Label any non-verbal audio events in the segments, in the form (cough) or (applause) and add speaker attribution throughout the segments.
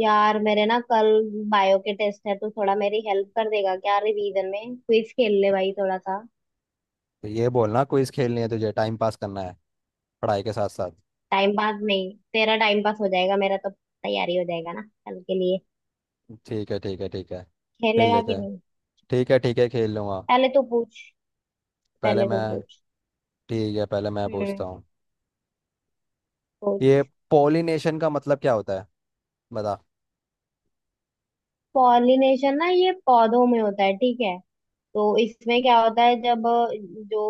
Speaker 1: यार मेरे ना कल बायो के टेस्ट है तो थोड़ा मेरी हेल्प कर देगा क्या? रिवीजन में क्विज खेल ले भाई, थोड़ा सा।
Speaker 2: तो ये बोलना क्विज खेलनी है तुझे। टाइम पास करना है पढ़ाई के साथ साथ।
Speaker 1: टाइम पास नहीं, तेरा टाइम पास हो जाएगा, मेरा तो तैयारी हो जाएगा ना कल के लिए।
Speaker 2: ठीक है, ठीक है, ठीक है, खेल
Speaker 1: खेलेगा
Speaker 2: लेते
Speaker 1: कि
Speaker 2: हैं।
Speaker 1: नहीं?
Speaker 2: ठीक है, ठीक है, खेल लूंगा।
Speaker 1: पहले तो पूछ,
Speaker 2: पहले
Speaker 1: पहले तो
Speaker 2: मैं।
Speaker 1: पूछ।
Speaker 2: ठीक है, पहले मैं पूछता
Speaker 1: हम्म।
Speaker 2: हूँ। ये
Speaker 1: पूछ।
Speaker 2: पोलिनेशन का मतलब क्या होता है, बता।
Speaker 1: पॉलिनेशन ना, ये पौधों में होता है, ठीक है। तो इसमें क्या होता है, जब जो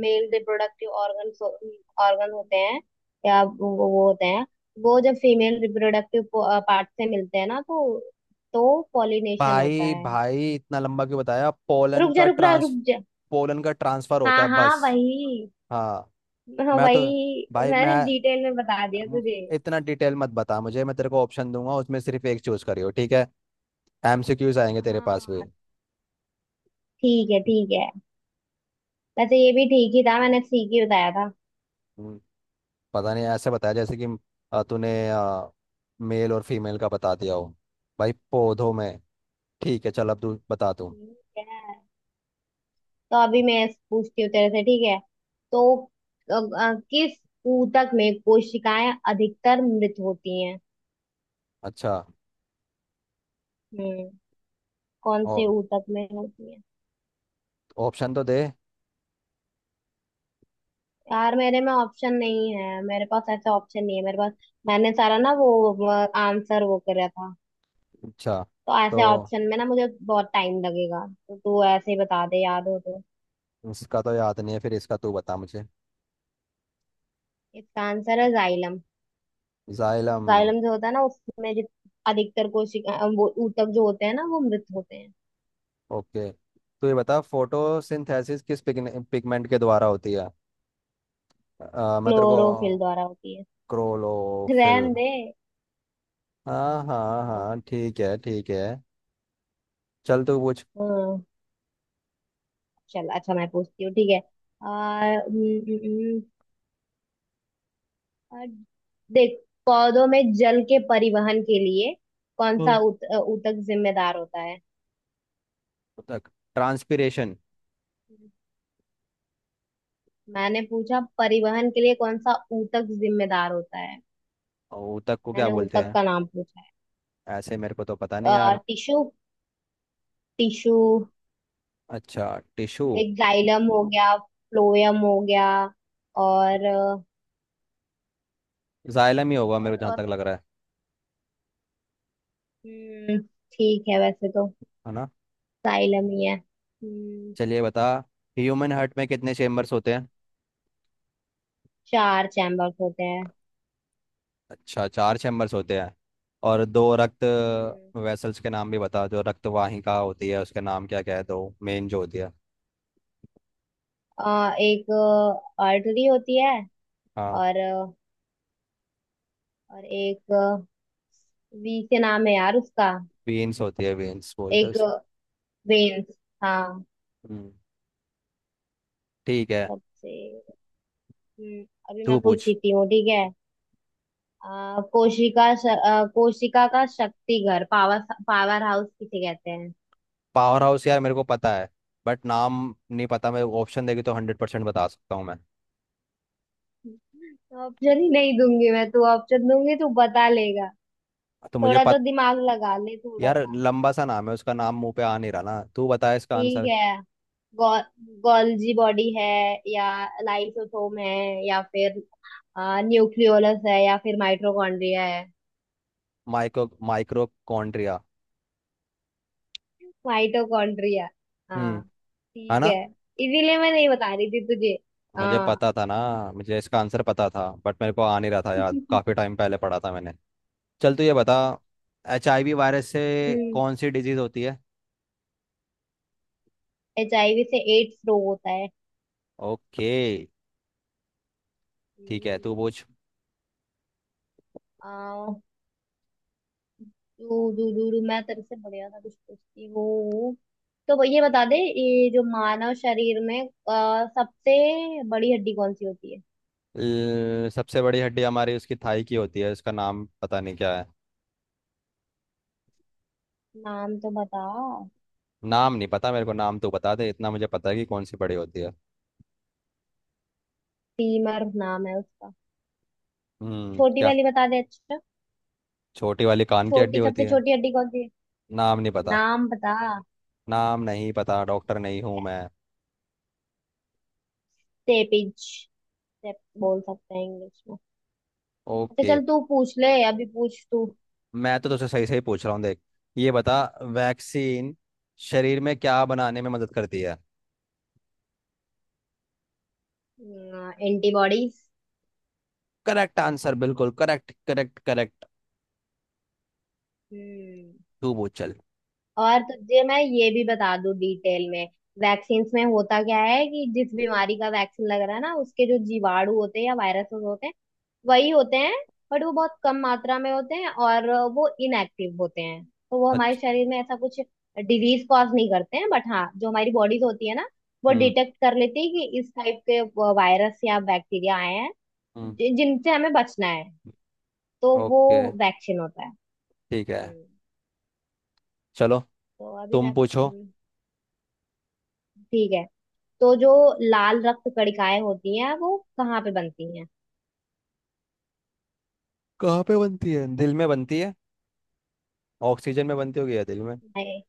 Speaker 1: मेल रिप्रोडक्टिव ऑर्गन ऑर्गन होते हैं, या वो होते हैं, वो जब फीमेल रिप्रोडक्टिव पार्ट से मिलते हैं ना तो पॉलिनेशन होता
Speaker 2: भाई
Speaker 1: है।
Speaker 2: भाई इतना लंबा क्यों बताया? पोलन
Speaker 1: रुक जा
Speaker 2: का
Speaker 1: रुक जा
Speaker 2: ट्रांस,
Speaker 1: रुक जा।
Speaker 2: पोलन का ट्रांसफर होता
Speaker 1: हाँ
Speaker 2: है
Speaker 1: हाँ,
Speaker 2: बस।
Speaker 1: वही।
Speaker 2: हाँ।
Speaker 1: हाँ
Speaker 2: मैं तो,
Speaker 1: वही,
Speaker 2: भाई मैं
Speaker 1: मैंने डिटेल में बता दिया
Speaker 2: म-
Speaker 1: तुझे।
Speaker 2: इतना डिटेल मत बता मुझे। मैं तेरे को ऑप्शन दूंगा, उसमें सिर्फ एक चूज करियो, ठीक है। एमसीक्यूज आएंगे तेरे पास
Speaker 1: हाँ, ठीक है ठीक है। वैसे ये भी ठीक ही था, मैंने ठीक ही बताया था।
Speaker 2: भी। पता नहीं ऐसे बताया जैसे कि तूने मेल और फीमेल का बता दिया हो। भाई पौधों में। ठीक है, चल अब तू बता तू।
Speaker 1: ठीक है, तो अभी मैं पूछती हूँ तेरे से, ठीक है। तो किस ऊतक में कोशिकाएं अधिकतर मृत होती हैं?
Speaker 2: अच्छा।
Speaker 1: हम्म। कौन से
Speaker 2: और
Speaker 1: ऊतक में होती है?
Speaker 2: ऑप्शन तो दे।
Speaker 1: यार मेरे में ऑप्शन नहीं है, मेरे पास ऐसा ऑप्शन नहीं है मेरे पास। मैंने सारा ना वो आंसर वो करा था।
Speaker 2: अच्छा,
Speaker 1: तो
Speaker 2: तो
Speaker 1: ऐसे ऑप्शन में ना मुझे बहुत टाइम लगेगा, तो तू ऐसे ही बता दे याद हो तो।
Speaker 2: इसका तो याद नहीं है, फिर इसका तू बता मुझे।
Speaker 1: इसका आंसर है जाइलम।
Speaker 2: जाइलम।
Speaker 1: जाइलम जो होता है ना, उसमें अधिकतर कोशिका, वो ऊतक जो होते हैं ना, वो मृत होते हैं।
Speaker 2: ओके, तो ये बता फोटोसिंथेसिस किस पिगमेंट के द्वारा होती है? मैं तेरे को।
Speaker 1: क्लोरोफिल द्वारा होती है।
Speaker 2: क्रोलोफिल।
Speaker 1: रहन दे।
Speaker 2: हाँ हाँ
Speaker 1: हाँ।
Speaker 2: हाँ, ठीक है, ठीक है, चल तू पूछ।
Speaker 1: हाँ, चल अच्छा मैं पूछती हूँ, ठीक है। आ, हम्म, आ, देख, पौधों में जल के परिवहन के लिए कौन सा
Speaker 2: हम्म।
Speaker 1: ऊतक जिम्मेदार होता है?
Speaker 2: ऊतक, ट्रांसपीरेशन।
Speaker 1: मैंने पूछा परिवहन के लिए कौन सा ऊतक जिम्मेदार होता है।
Speaker 2: ऊतक को क्या
Speaker 1: मैंने
Speaker 2: बोलते
Speaker 1: ऊतक
Speaker 2: हैं?
Speaker 1: का नाम पूछा।
Speaker 2: ऐसे मेरे को तो पता नहीं
Speaker 1: है
Speaker 2: यार।
Speaker 1: टिश्यू। टिश्यू।
Speaker 2: अच्छा, टिश्यू।
Speaker 1: एक जाइलम हो गया, फ्लोएम हो गया। और अ,
Speaker 2: जाइलम ही होगा मेरे को
Speaker 1: और
Speaker 2: जहाँ
Speaker 1: और
Speaker 2: तक लग रहा है
Speaker 1: हम्म, ठीक है, वैसे तो
Speaker 2: है ना।
Speaker 1: साइलम ही है। हम्म।
Speaker 2: चलिए बता, ह्यूमन हार्ट में कितने चेम्बर्स होते हैं?
Speaker 1: चार चैम्बर्स होते हैं।
Speaker 2: अच्छा, चार चेम्बर्स होते हैं। और दो रक्त
Speaker 1: हम्म,
Speaker 2: वेसल्स के नाम भी बता, जो रक्त वाहिका होती है उसके नाम क्या क्या है, दो मेन जो होती है।
Speaker 1: एक आर्टरी होती है।
Speaker 2: हाँ।
Speaker 1: और अ, और एक, वी से नाम है यार उसका।
Speaker 2: वेन्स होती है, वेन्स बोलते हैं
Speaker 1: एक
Speaker 2: उसे।
Speaker 1: वेन्स। हाँ।
Speaker 2: हम्म, ठीक है,
Speaker 1: सबसे। हम्म, अभी
Speaker 2: तू
Speaker 1: मैं
Speaker 2: पूछ।
Speaker 1: पूछती हूँ, ठीक है। कोशिका का शक्ति घर, पावर पावर हाउस किसे कहते हैं?
Speaker 2: पावर हाउस यार मेरे को पता है, बट नाम नहीं पता। मैं ऑप्शन देगी तो 100% बता सकता हूँ मैं।
Speaker 1: ऑप्शन ही नहीं दूंगी मैं, तू ऑप्शन दूंगी तू बता लेगा।
Speaker 2: तो मुझे
Speaker 1: थोड़ा तो
Speaker 2: पता।
Speaker 1: दिमाग लगा ले, थोड़ा
Speaker 2: यार
Speaker 1: सा।
Speaker 2: लंबा सा नाम है, उसका नाम मुंह पे आ नहीं रहा ना, तू बता इसका
Speaker 1: ठीक
Speaker 2: आंसर।
Speaker 1: है। गौ, गॉल्जी बॉडी है, या लाइसोसोम है, या फिर न्यूक्लियोलस है, या फिर माइटोकॉन्ड्रिया है?
Speaker 2: माइक्रोकॉन्ड्रिया।
Speaker 1: माइटोकॉन्ड्रिया। हाँ।
Speaker 2: हम्म। है
Speaker 1: ठीक
Speaker 2: ना।
Speaker 1: है। इसीलिए मैं नहीं बता रही थी तुझे।
Speaker 2: मुझे
Speaker 1: हाँ।
Speaker 2: पता था ना, मुझे इसका आंसर पता था, बट मेरे को आ नहीं रहा था याद, काफी टाइम पहले पढ़ा था मैंने। चल तू ये बता, HIV वायरस से
Speaker 1: हम्म।
Speaker 2: कौन सी डिजीज होती है?
Speaker 1: HIV से एड्स रोग होता है।
Speaker 2: ओके, ठीक है, तू
Speaker 1: हम्म,
Speaker 2: पूछ।
Speaker 1: आ, दू, दू, दू, दू, मैं तेरे से बढ़िया था कुछ पूछती हूँ। तो ये बता दे, ये जो मानव शरीर में सबसे बड़ी हड्डी कौन सी होती है?
Speaker 2: ल- सबसे बड़ी हड्डी हमारी उसकी थाई की होती है, उसका नाम पता नहीं क्या है।
Speaker 1: नाम तो बता।
Speaker 2: नाम नहीं पता मेरे को, नाम तो बता दे, इतना मुझे पता है कि कौन सी बड़ी होती है।
Speaker 1: टीमर नाम है उसका।
Speaker 2: हम्म,
Speaker 1: छोटी
Speaker 2: क्या?
Speaker 1: वाली बता दे अच्छा।
Speaker 2: छोटी वाली कान की हड्डी
Speaker 1: छोटी,
Speaker 2: होती
Speaker 1: सबसे
Speaker 2: है।
Speaker 1: छोटी हड्डी कौन सी है?
Speaker 2: नाम नहीं पता।
Speaker 1: नाम बता।
Speaker 2: नाम नहीं पता, डॉक्टर नहीं हूं मैं।
Speaker 1: सेपिज। सेप। बोल सकते हैं इंग्लिश में। अच्छा
Speaker 2: ओके।
Speaker 1: चल तू पूछ ले, अभी पूछ तू।
Speaker 2: मैं तो तुझसे सही सही पूछ रहा हूँ देख, ये बता, वैक्सीन शरीर में क्या बनाने में मदद करती है?
Speaker 1: एंटीबॉडीज।
Speaker 2: करेक्ट आंसर, बिल्कुल करेक्ट, करेक्ट, करेक्ट।
Speaker 1: हम्म। antibodies।
Speaker 2: तू पूछ चल।
Speaker 1: और तुझे मैं ये भी बता दूं डिटेल में। वैक्सीन्स में होता क्या है कि जिस बीमारी का वैक्सीन लग रहा है ना, उसके जो जीवाणु होते हैं या वायरस होते हैं, वही होते हैं, बट वो बहुत कम मात्रा में होते हैं, और वो इनएक्टिव होते हैं। तो वो हमारे
Speaker 2: अच्छा।
Speaker 1: शरीर में ऐसा कुछ डिजीज कॉज नहीं करते हैं, बट हाँ, जो हमारी बॉडीज होती है ना, वो
Speaker 2: हम्म।
Speaker 1: डिटेक्ट कर लेती है कि इस टाइप के वायरस या बैक्टीरिया आए हैं,
Speaker 2: हम्म।
Speaker 1: जिनसे हमें बचना है, तो वो
Speaker 2: ओके।
Speaker 1: वैक्सीन होता है।
Speaker 2: ठीक है।
Speaker 1: हम्म।
Speaker 2: चलो,
Speaker 1: तो अभी
Speaker 2: तुम
Speaker 1: मैं,
Speaker 2: पूछो।
Speaker 1: ठीक है। तो जो लाल रक्त कणिकाएं होती हैं वो कहाँ पे बनती हैं?
Speaker 2: कहाँ पे बनती है? दिल में बनती है? ऑक्सीजन में बनती होगी या दिल में?
Speaker 1: नहीं।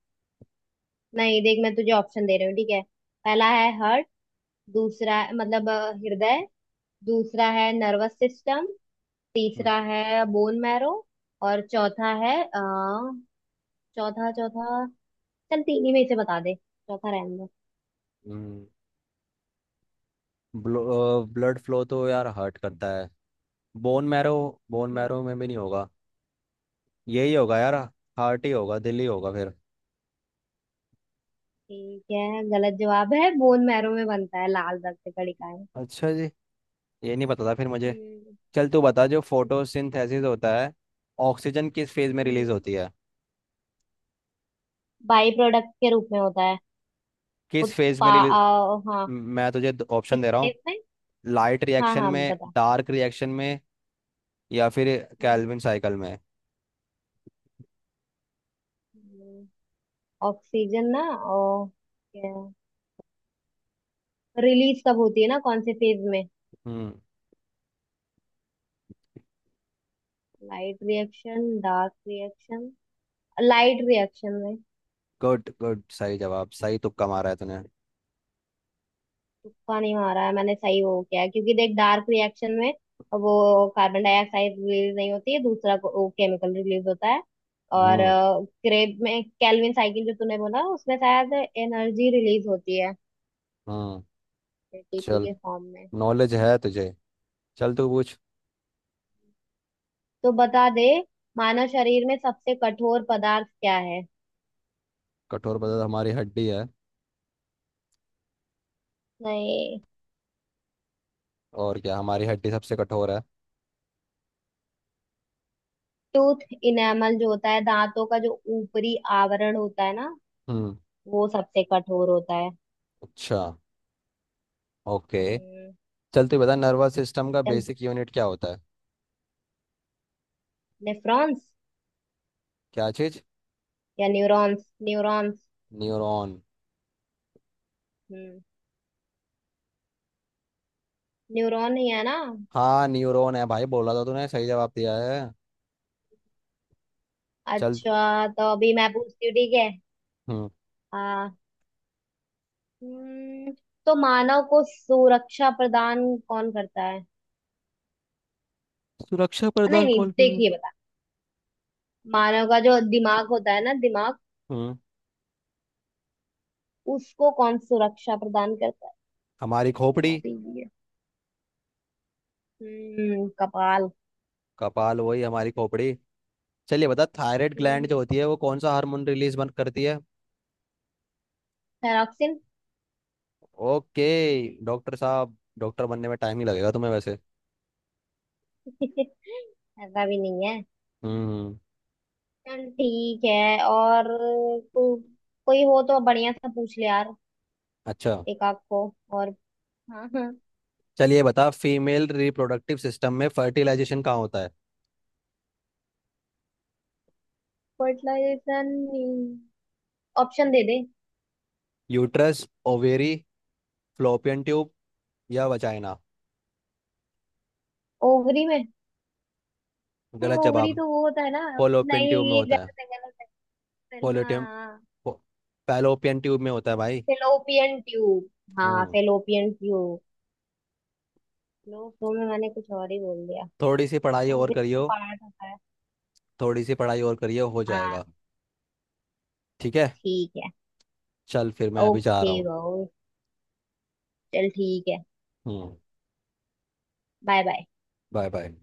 Speaker 1: नहीं, देख मैं तुझे ऑप्शन दे रही हूँ, ठीक है। पहला है हार्ट, दूसरा मतलब हृदय। दूसरा है नर्वस सिस्टम, तीसरा है बोन मैरो, और चौथा है चौथा चौथा। चल तीन ही में से बता दे, चौथा रहने दो।
Speaker 2: हम्म, ब्लड फ्लो तो यार हार्ट करता है। बोन मैरो, बोन
Speaker 1: हम्म,
Speaker 2: मैरो में भी नहीं होगा। यही होगा यार, हार्ट ही होगा, दिल ही होगा फिर।
Speaker 1: ठीक है, गलत जवाब है, बोन मैरो में बनता है लाल रक्त कणिकाएं।
Speaker 2: अच्छा जी, ये नहीं पता था फिर मुझे।
Speaker 1: हम्म।
Speaker 2: चल तू बता, जो
Speaker 1: हम्म,
Speaker 2: फोटोसिंथेसिस होता है, ऑक्सीजन किस फेज में रिलीज
Speaker 1: हम्म,
Speaker 2: होती है?
Speaker 1: बाई प्रोडक्ट के रूप में होता है।
Speaker 2: किस फेज में रिलीज?
Speaker 1: हाँ।
Speaker 2: मैं तुझे ऑप्शन
Speaker 1: किस
Speaker 2: दे रहा हूँ,
Speaker 1: इसमें?
Speaker 2: लाइट
Speaker 1: हाँ
Speaker 2: रिएक्शन
Speaker 1: हाँ
Speaker 2: में,
Speaker 1: बता।
Speaker 2: डार्क रिएक्शन में, या फिर
Speaker 1: हम्म,
Speaker 2: कैल्विन साइकिल में।
Speaker 1: ऑक्सीजन ना और क्या, रिलीज कब होती है ना कौन से फेज में?
Speaker 2: हम्म,
Speaker 1: light reaction, dark reaction? Light reaction में।
Speaker 2: गुड गुड, सही जवाब, सही तुक्का मारा है तूने।
Speaker 1: तुक्का नहीं मारा है मैंने, सही वो क्या है क्योंकि देख डार्क रिएक्शन में वो कार्बन डाइऑक्साइड रिलीज नहीं होती है, दूसरा केमिकल रिलीज होता है। और
Speaker 2: हम्म।
Speaker 1: क्रेब में, कैल्विन साइकिल जो तूने बोला उसमें शायद एनर्जी रिलीज होती है,
Speaker 2: हम्म।
Speaker 1: एटीपी
Speaker 2: चल,
Speaker 1: के फॉर्म में।
Speaker 2: नॉलेज है तुझे। चल तू पूछ।
Speaker 1: तो बता दे मानव शरीर में सबसे कठोर पदार्थ क्या है?
Speaker 2: कठोर पदार्थ हमारी हड्डी है।
Speaker 1: नहीं।
Speaker 2: और क्या, हमारी हड्डी सबसे कठोर है।
Speaker 1: टूथ, इनेमल जो होता है दांतों का, जो ऊपरी आवरण होता है ना,
Speaker 2: हम्म।
Speaker 1: वो सबसे कठोर होता है।
Speaker 2: अच्छा, ओके।
Speaker 1: हम्म।
Speaker 2: चल तू बता, नर्वस सिस्टम का
Speaker 1: चल।
Speaker 2: बेसिक यूनिट क्या होता है?
Speaker 1: नेफ्रॉन्स,
Speaker 2: क्या चीज?
Speaker 1: या न्यूरॉन्स न्यूरॉन्स।
Speaker 2: न्यूरॉन।
Speaker 1: हम्म। न्यूरॉन ही है ना?
Speaker 2: हाँ न्यूरॉन है भाई, बोला था तूने, सही जवाब दिया है। चल।
Speaker 1: अच्छा, तो अभी मैं पूछती हूँ, ठीक है।
Speaker 2: हम्म।
Speaker 1: हाँ। हम्म, तो मानव को सुरक्षा प्रदान कौन करता है?
Speaker 2: सुरक्षा
Speaker 1: नहीं
Speaker 2: प्रदान
Speaker 1: नहीं,
Speaker 2: कौन पे है?
Speaker 1: देखिए, बता। मानव का जो दिमाग होता है ना, दिमाग
Speaker 2: हम्म।
Speaker 1: उसको कौन सुरक्षा प्रदान करता
Speaker 2: हमारी
Speaker 1: है?
Speaker 2: खोपड़ी।
Speaker 1: बहुत इजी है। हम्म। कपाल।
Speaker 2: कपाल वही हमारी खोपड़ी। चलिए बता, थायराइड ग्लैंड
Speaker 1: हम्म।
Speaker 2: जो होती है वो कौन सा हार्मोन रिलीज बंद करती है?
Speaker 1: थायरॉक्सिन।
Speaker 2: ओके। डॉक्टर साहब, डॉक्टर बनने में टाइम ही लगेगा तुम्हें वैसे।
Speaker 1: (laughs) ऐसा भी नहीं है।
Speaker 2: हम्म।
Speaker 1: चल ठीक है। और को, कोई हो तो बढ़िया सा पूछ ले यार,
Speaker 2: अच्छा।
Speaker 1: एक आध को। और। हाँ हाँ।
Speaker 2: चलिए बता, फीमेल रिप्रोडक्टिव सिस्टम में फर्टिलाइजेशन कहाँ होता है?
Speaker 1: फर्टिलाइजेशन। ऑप्शन दे दे।
Speaker 2: यूट्रस, ओवेरी, फ्लोपियन ट्यूब, या वजाइना?
Speaker 1: ओवरी में। नहीं,
Speaker 2: गलत
Speaker 1: ओवरी
Speaker 2: जवाब,
Speaker 1: तो वो होता है ना।
Speaker 2: फोलोपियन
Speaker 1: नहीं,
Speaker 2: ट्यूब में
Speaker 1: ये
Speaker 2: होता
Speaker 1: गलत है, गलत है।
Speaker 2: है।
Speaker 1: हाँ।
Speaker 2: वो फैलोपियन ट्यूब में होता है भाई।
Speaker 1: Fallopian tube. हाँ,
Speaker 2: हम्म।
Speaker 1: Fallopian tube. लोग तो मैं, मैंने कुछ और ही बोल दिया।
Speaker 2: थोड़ी सी पढ़ाई और
Speaker 1: ओवरी से
Speaker 2: करियो,
Speaker 1: पार्ट होता है।
Speaker 2: थोड़ी सी पढ़ाई और करियो, हो जाएगा।
Speaker 1: हाँ।
Speaker 2: ठीक है।
Speaker 1: ठीक है।
Speaker 2: चल फिर, मैं अभी जा रहा
Speaker 1: ओके
Speaker 2: हूँ।
Speaker 1: भाऊ। चल ठीक है।
Speaker 2: हम्म।
Speaker 1: Bye bye.
Speaker 2: Bye bye.